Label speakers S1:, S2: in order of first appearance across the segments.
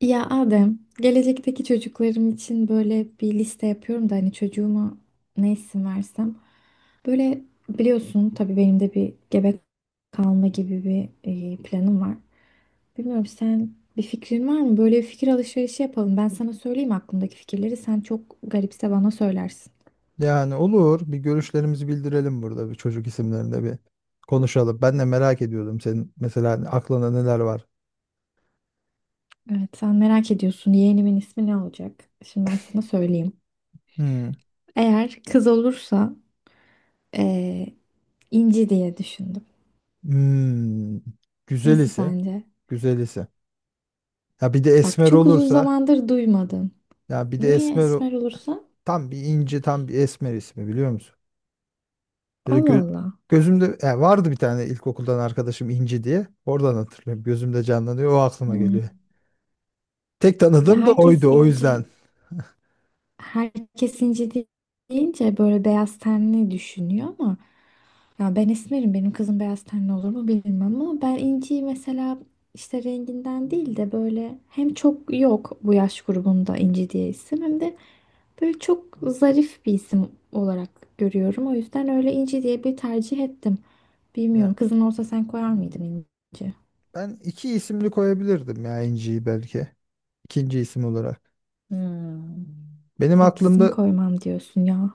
S1: Ya Adem, gelecekteki çocuklarım için böyle bir liste yapıyorum da hani çocuğuma ne isim versem. Böyle biliyorsun tabii benim de bir gebe kalma gibi bir planım var. Bilmiyorum, sen bir fikrin var mı? Böyle bir fikir alışverişi yapalım. Ben sana söyleyeyim aklımdaki fikirleri. Sen çok garipse bana söylersin.
S2: Yani olur. Bir görüşlerimizi bildirelim burada bir çocuk isimlerinde bir konuşalım. Ben de merak ediyordum senin mesela aklında neler var.
S1: Evet, sen merak ediyorsun yeğenimin ismi ne olacak? Şimdi ben sana söyleyeyim.
S2: Hmm.
S1: Eğer kız olursa e, İnci diye düşündüm.
S2: Hmm. Güzel
S1: Nasıl
S2: ise.
S1: sence?
S2: Güzel ise. Ya bir de
S1: Bak,
S2: esmer
S1: çok uzun
S2: olursa.
S1: zamandır duymadım.
S2: Ya bir de
S1: Niye
S2: esmer o-
S1: esmer olursa?
S2: tam bir inci tam bir esmer ismi biliyor musun? Böyle
S1: Allah
S2: gö-
S1: Allah.
S2: Gözümde ya vardı bir tane ilkokuldan arkadaşım İnci diye. Oradan hatırlıyorum. Gözümde canlanıyor. O aklıma
S1: Hmm.
S2: geliyor. Tek
S1: Ya
S2: tanıdığım da
S1: herkes
S2: oydu o yüzden.
S1: inci, herkes inci de- deyince böyle beyaz tenli düşünüyor ama ya ben esmerim, benim kızım beyaz tenli olur mu bilmiyorum ama ben inciyi mesela işte renginden değil de böyle hem çok yok bu yaş grubunda inci diye isim hem de böyle çok zarif bir isim olarak görüyorum. O yüzden öyle inci diye bir tercih ettim. Bilmiyorum,
S2: Ya
S1: kızın olsa sen koyar mıydın inci?
S2: ben iki isimli koyabilirdim ya İnci'yi belki. İkinci isim olarak. Benim
S1: Taksim
S2: aklımda
S1: koymam diyorsun ya.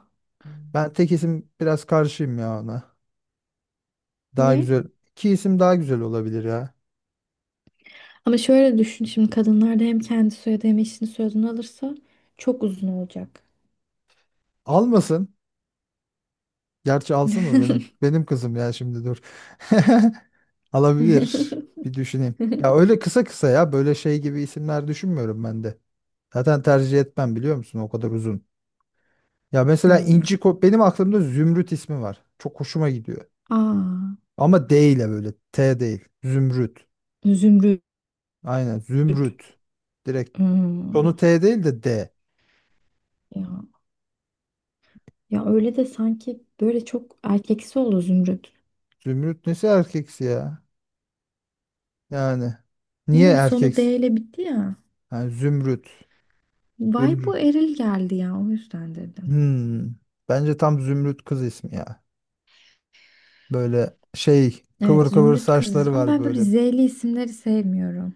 S2: ben tek isim biraz karşıyım ya ona. Daha
S1: Niye?
S2: güzel. İki isim daha güzel olabilir ya.
S1: Ama şöyle düşün, şimdi kadınlar da hem kendi soyadı hem eşinin soyadını alırsa çok uzun olacak.
S2: Almasın. Gerçi alsın mı benim? Benim kızım ya şimdi dur. Alabilir. Bir düşüneyim. Ya öyle kısa kısa ya böyle şey gibi isimler düşünmüyorum ben de. Zaten tercih etmem biliyor musun o kadar uzun.
S1: Hmm.
S2: Benim aklımda Zümrüt ismi var. Çok hoşuma gidiyor.
S1: Aa,
S2: Ama D ile böyle T değil. Zümrüt.
S1: Zümrüt.
S2: Aynen Zümrüt. Direkt
S1: Hmm.
S2: sonu T değil de D.
S1: Ya, ya öyle de sanki böyle çok erkeksi oldu Zümrüt.
S2: Zümrüt nesi erkeksi ya? Yani
S1: Ne
S2: niye
S1: bileyim, sonu
S2: erkeksi?
S1: D ile bitti ya.
S2: Yani zümrüt.
S1: Vay, bu
S2: Zümrüt.
S1: eril geldi ya, o yüzden dedim.
S2: Hmm. Bence tam zümrüt kız ismi ya. Böyle şey
S1: Evet
S2: kıvır kıvır
S1: Zümrüt kızız
S2: saçları
S1: ama
S2: var
S1: ben böyle
S2: böyle.
S1: Z'li isimleri sevmiyorum.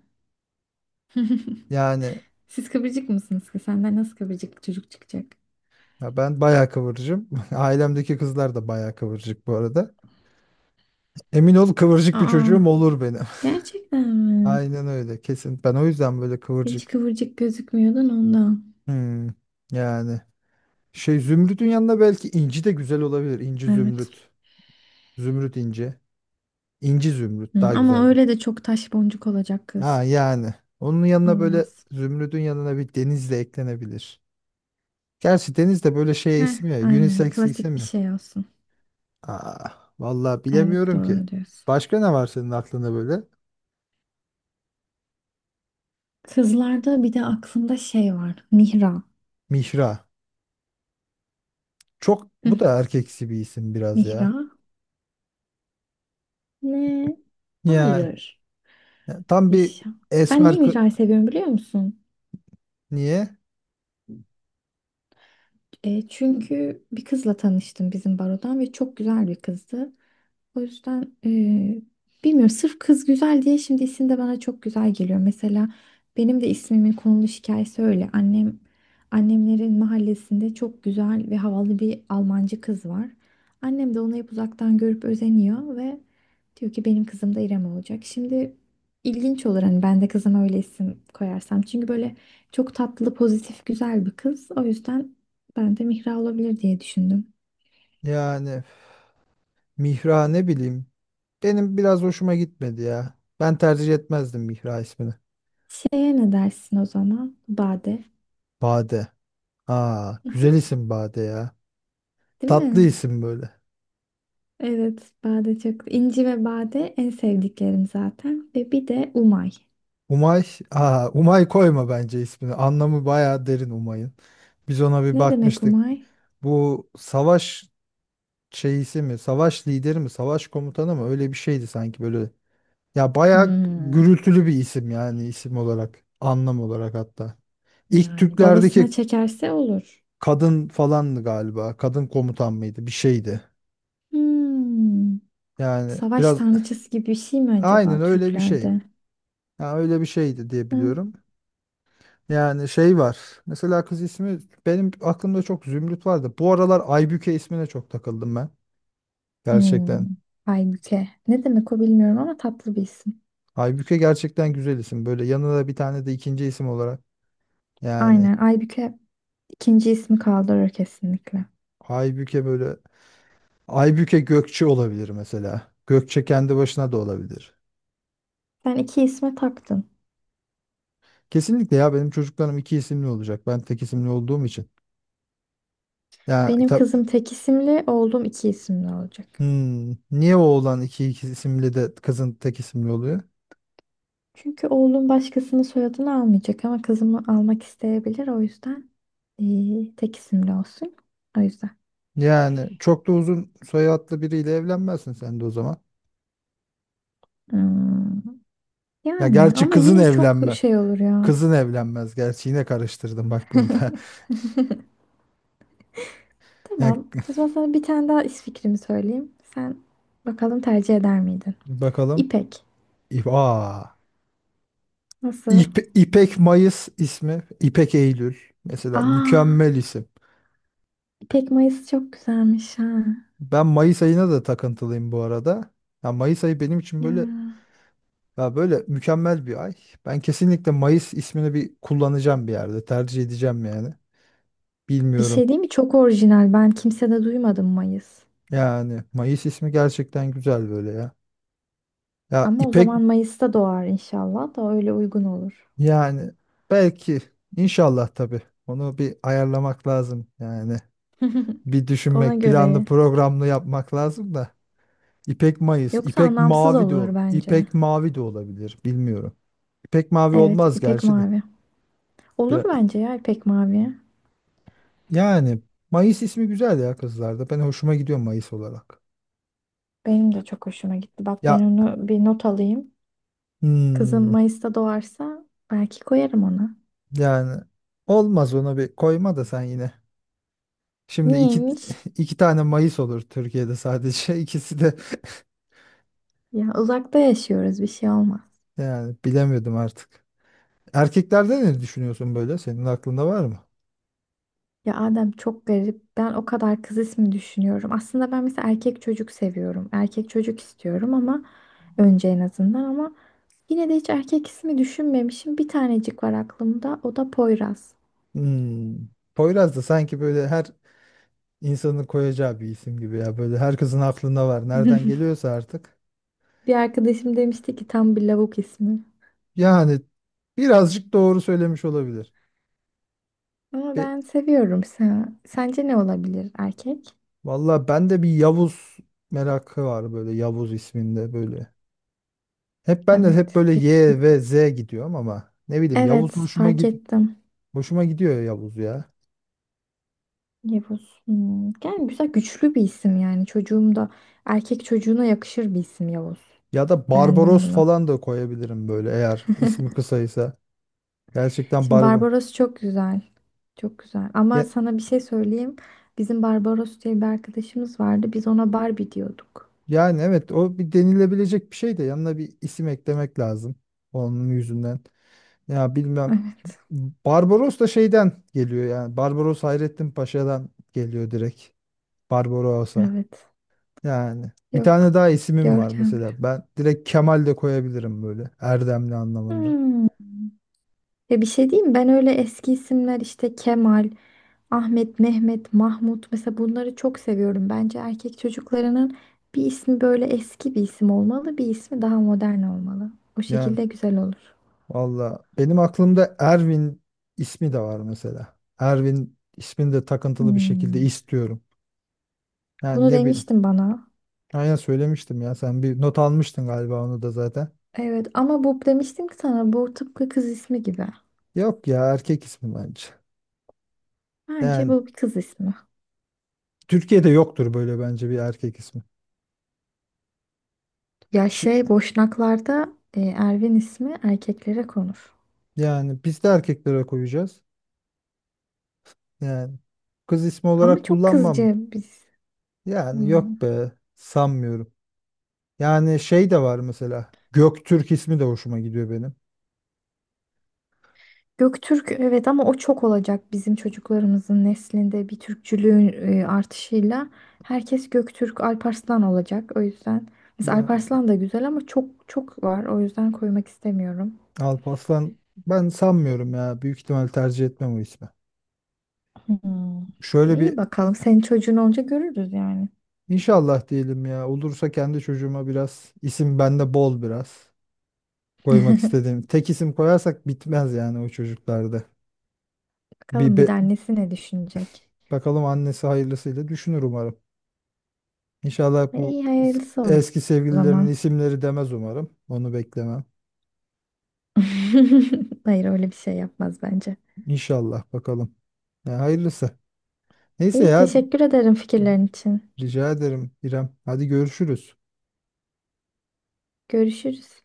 S2: Yani
S1: Siz kıvırcık mısınız ki? Senden nasıl kıvırcık çocuk çıkacak?
S2: ya ben bayağı kıvırcığım. Ailemdeki kızlar da bayağı kıvırcık bu arada. Emin ol kıvırcık bir
S1: Aa,
S2: çocuğum olur benim.
S1: gerçekten mi?
S2: Aynen öyle kesin. Ben o yüzden böyle
S1: Hiç
S2: kıvırcık.
S1: kıvırcık gözükmüyordun ondan.
S2: Hmm. Yani şey zümrütün yanına belki inci de güzel olabilir. İnci
S1: Evet.
S2: zümrüt. Zümrüt inci. İnci zümrüt
S1: Hı,
S2: daha
S1: ama
S2: güzeldi.
S1: öyle de çok taş boncuk olacak kız.
S2: Ha yani. Onun yanına böyle
S1: Olmaz.
S2: zümrüdün yanına bir deniz de eklenebilir. Gerçi deniz de böyle şey
S1: Heh,
S2: isim ya.
S1: aynen.
S2: Unisex
S1: Klasik
S2: isim
S1: bir
S2: ya.
S1: şey olsun.
S2: Aa, vallahi
S1: Evet,
S2: bilemiyorum ki.
S1: doğru diyorsun.
S2: Başka ne var senin aklında böyle?
S1: Kızlarda bir de aklımda şey var. Mihra.
S2: Mihra. Çok
S1: Hı
S2: bu
S1: hı,
S2: da erkeksi bir isim biraz
S1: Mihra.
S2: ya.
S1: Ne?
S2: Yani
S1: Hayır.
S2: tam bir
S1: Yaşa. Ben
S2: esmer
S1: niye
S2: kı-
S1: Mihra'yı seviyorum biliyor musun?
S2: Niye?
S1: E, çünkü bir kızla tanıştım bizim barodan ve çok güzel bir kızdı. O yüzden bilmiyorum, sırf kız güzel diye şimdi isim de bana çok güzel geliyor. Mesela benim de ismimin konulu hikayesi öyle. Annemlerin mahallesinde çok güzel ve havalı bir Almancı kız var. Annem de onu hep uzaktan görüp özeniyor ve diyor ki benim kızım da İrem olacak. Şimdi ilginç olur hani ben de kızıma öyle isim koyarsam. Çünkü böyle çok tatlı, pozitif, güzel bir kız. O yüzden ben de Mihra olabilir diye düşündüm.
S2: Yani Mihra ne bileyim. Benim biraz hoşuma gitmedi ya. Ben tercih etmezdim Mihra ismini.
S1: Şeye ne dersin o zaman? Bade.
S2: Bade. Aa, güzel isim Bade ya.
S1: Değil
S2: Tatlı
S1: mi?
S2: isim böyle.
S1: Evet, bade çok. İnci ve bade en sevdiklerim zaten. Ve bir de Umay.
S2: Umay, aa, Umay koyma bence ismini. Anlamı bayağı derin Umay'ın. Biz ona bir
S1: Ne demek
S2: bakmıştık.
S1: Umay?
S2: Bu savaş şeyisi mi, savaş lideri mi, savaş komutanı mı öyle bir şeydi sanki böyle. Ya bayağı
S1: Hmm,
S2: gürültülü bir isim yani isim olarak, anlam olarak hatta. İlk
S1: yani babasına
S2: Türklerdeki
S1: çekerse olur.
S2: kadın falandı galiba. Kadın komutan mıydı? Bir şeydi.
S1: Hmm,
S2: Yani
S1: savaş
S2: biraz
S1: tanrıçası gibi bir şey mi acaba
S2: aynen öyle bir şey.
S1: Türklerde?
S2: Ya öyle bir şeydi diye
S1: Hı?
S2: biliyorum. Yani şey var. Mesela kız ismi benim aklımda çok Zümrüt vardı. Bu aralar Aybüke ismine çok takıldım ben. Gerçekten.
S1: Hmm, Aybüke. Ne demek o bilmiyorum ama tatlı bir isim.
S2: Aybüke gerçekten güzel isim. Böyle yanına da bir tane de ikinci isim olarak. Yani
S1: Aynen Aybüke ikinci ismi kaldırır kesinlikle.
S2: Aybüke böyle. Aybüke Gökçe olabilir mesela. Gökçe kendi başına da olabilir.
S1: Sen iki isme taktın.
S2: Kesinlikle ya benim çocuklarım iki isimli olacak. Ben tek isimli olduğum için. Ya
S1: Benim
S2: tab-
S1: kızım tek isimli, oğlum iki isimli olacak.
S2: Hmm, niye oğlan iki isimli de kızın tek isimli oluyor?
S1: Çünkü oğlum başkasının soyadını almayacak ama kızımı almak isteyebilir. O yüzden tek isimli olsun. O yüzden.
S2: Yani çok da uzun soyadlı biriyle evlenmezsin sen de o zaman.
S1: Hmm,
S2: Ya
S1: yani
S2: gerçi
S1: ama
S2: kızın
S1: yine çok
S2: evlenme.
S1: şey olur ya.
S2: Kızın evlenmez. Gerçi yine karıştırdım bak burada. Yani
S1: Tamam. O zaman sana bir tane daha is fikrimi söyleyeyim. Sen bakalım tercih eder miydin?
S2: bakalım.
S1: İpek.
S2: Aa.
S1: Nasıl?
S2: İpek Mayıs ismi. İpek Eylül. Mesela
S1: Aa,
S2: mükemmel isim.
S1: İpek Mayıs çok güzelmiş ha.
S2: Ben Mayıs ayına da takıntılıyım bu arada. Ya Mayıs ayı benim için böyle
S1: Ya.
S2: ya böyle mükemmel bir ay. Ben kesinlikle Mayıs ismini bir kullanacağım bir yerde. Tercih edeceğim yani.
S1: Bir şey
S2: Bilmiyorum.
S1: değil mi? Çok orijinal. Ben kimsede duymadım Mayıs.
S2: Yani Mayıs ismi gerçekten güzel böyle ya. Ya
S1: Ama o
S2: İpek
S1: zaman Mayıs'ta doğar inşallah, da öyle uygun olur.
S2: yani belki inşallah tabii. Onu bir ayarlamak lazım yani. Bir
S1: Ona
S2: düşünmek, planlı
S1: göre.
S2: programlı yapmak lazım da. İpek Mayıs,
S1: Yoksa anlamsız olur bence.
S2: İpek Mavi de olabilir, bilmiyorum. İpek Mavi
S1: Evet,
S2: olmaz
S1: ipek
S2: gerçi de.
S1: mavi. Olur
S2: Biraz-
S1: bence ya ipek mavi.
S2: yani Mayıs ismi güzel ya kızlarda. Ben hoşuma gidiyor Mayıs olarak.
S1: Benim de çok hoşuma gitti. Bak,
S2: Ya
S1: ben onu bir not alayım. Kızım
S2: hmm,
S1: Mayıs'ta doğarsa belki koyarım ona.
S2: yani olmaz ona bir koyma da sen yine. Şimdi iki
S1: Niyeymiş?
S2: iki tane Mayıs olur Türkiye'de sadece. İkisi de
S1: Ya uzakta yaşıyoruz, bir şey olmaz.
S2: yani bilemiyordum artık. Erkeklerde ne düşünüyorsun böyle? Senin aklında var mı?
S1: Ya Adem çok garip. Ben o kadar kız ismi düşünüyorum. Aslında ben mesela erkek çocuk seviyorum. Erkek çocuk istiyorum ama önce en azından ama yine de hiç erkek ismi düşünmemişim. Bir tanecik var aklımda. O da Poyraz.
S2: Hmm. Poyraz da sanki böyle her insanın koyacağı bir isim gibi ya. Böyle herkesin aklında var. Nereden geliyorsa artık.
S1: Bir arkadaşım demişti ki tam bir lavuk ismi.
S2: Yani birazcık doğru söylemiş olabilir.
S1: Ama
S2: Be
S1: ben seviyorum. Sen, sence ne olabilir erkek?
S2: valla bende bir Yavuz merakı var böyle Yavuz isminde böyle. Hep ben de hep
S1: Evet,
S2: böyle
S1: güçlü.
S2: Y ve Z gidiyorum ama ne bileyim
S1: Evet,
S2: Yavuz
S1: fark ettim.
S2: hoşuma gidiyor ya Yavuz ya.
S1: Yavuz. Hmm, yani güzel, güçlü bir isim yani. Çocuğum da erkek çocuğuna yakışır bir isim Yavuz.
S2: Ya da
S1: Beğendim
S2: Barbaros
S1: bunu.
S2: falan da koyabilirim böyle eğer ismi kısaysa. Gerçekten
S1: Şimdi
S2: Barbar.
S1: Barbaros çok güzel. Çok güzel. Ama sana bir şey söyleyeyim. Bizim Barbaros diye bir arkadaşımız vardı. Biz ona Barbie diyorduk.
S2: Yani evet o bir denilebilecek bir şey de yanına bir isim eklemek lazım onun yüzünden. Ya bilmem
S1: Evet.
S2: Barbaros da şeyden geliyor yani Barbaros Hayrettin Paşa'dan geliyor direkt Barbaros'a.
S1: Evet.
S2: Yani bir tane
S1: Yok.
S2: daha isimim var
S1: Görkemli.
S2: mesela ben direkt Kemal de koyabilirim böyle Erdemli anlamında.
S1: Hmm. Ya bir şey diyeyim, ben öyle eski isimler işte Kemal, Ahmet, Mehmet, Mahmut mesela bunları çok seviyorum. Bence erkek çocuklarının bir ismi böyle eski bir isim olmalı, bir ismi daha modern olmalı. O
S2: Yani
S1: şekilde güzel olur.
S2: valla benim aklımda Ervin ismi de var mesela. Ervin ismini de takıntılı bir şekilde
S1: Hmm.
S2: istiyorum. Yani
S1: Bunu
S2: ne bi-
S1: demiştin bana.
S2: Aynen söylemiştim ya. Sen bir not almıştın galiba onu da zaten.
S1: Evet ama bu demiştim ki sana bu tıpkı kız ismi gibi.
S2: Yok ya erkek ismi bence.
S1: Bence
S2: Yani
S1: bu bir kız ismi.
S2: Türkiye'de yoktur böyle bence bir erkek ismi.
S1: Ya
S2: Şi-
S1: şey Boşnaklarda Ervin ismi erkeklere konur.
S2: yani biz de erkeklere koyacağız. Yani kız ismi
S1: Ama
S2: olarak
S1: çok
S2: kullanmam.
S1: kızcı biz.
S2: Yani
S1: Hmm.
S2: yok be sanmıyorum. Yani şey de var mesela. Göktürk ismi de hoşuma gidiyor benim.
S1: Göktürk evet ama o çok olacak bizim çocuklarımızın neslinde bir Türkçülüğün artışıyla herkes Göktürk Alparslan olacak. O yüzden mesela
S2: Ya
S1: Alparslan da güzel ama çok çok var. O yüzden koymak istemiyorum.
S2: Alparslan ben sanmıyorum ya. Büyük ihtimal tercih etmem o ismi.
S1: Hmm.
S2: Şöyle
S1: İyi
S2: bir
S1: bakalım, senin çocuğun olunca görürüz yani.
S2: inşallah diyelim ya. Olursa kendi çocuğuma biraz isim bende bol biraz koymak istediğim. Tek isim koyarsak bitmez yani o çocuklarda. Bir
S1: Bakalım bir de
S2: be-
S1: annesi ne düşünecek.
S2: bakalım annesi hayırlısıyla düşünür umarım. İnşallah
S1: E, İyi hayırlısı o
S2: eski sevgililerinin
S1: zaman.
S2: isimleri demez umarım. Onu beklemem.
S1: Hayır, öyle bir şey yapmaz bence.
S2: İnşallah bakalım. Ya hayırlısı. Neyse
S1: İyi,
S2: ya
S1: teşekkür ederim fikirlerin için.
S2: rica ederim İrem. Hadi görüşürüz.
S1: Görüşürüz.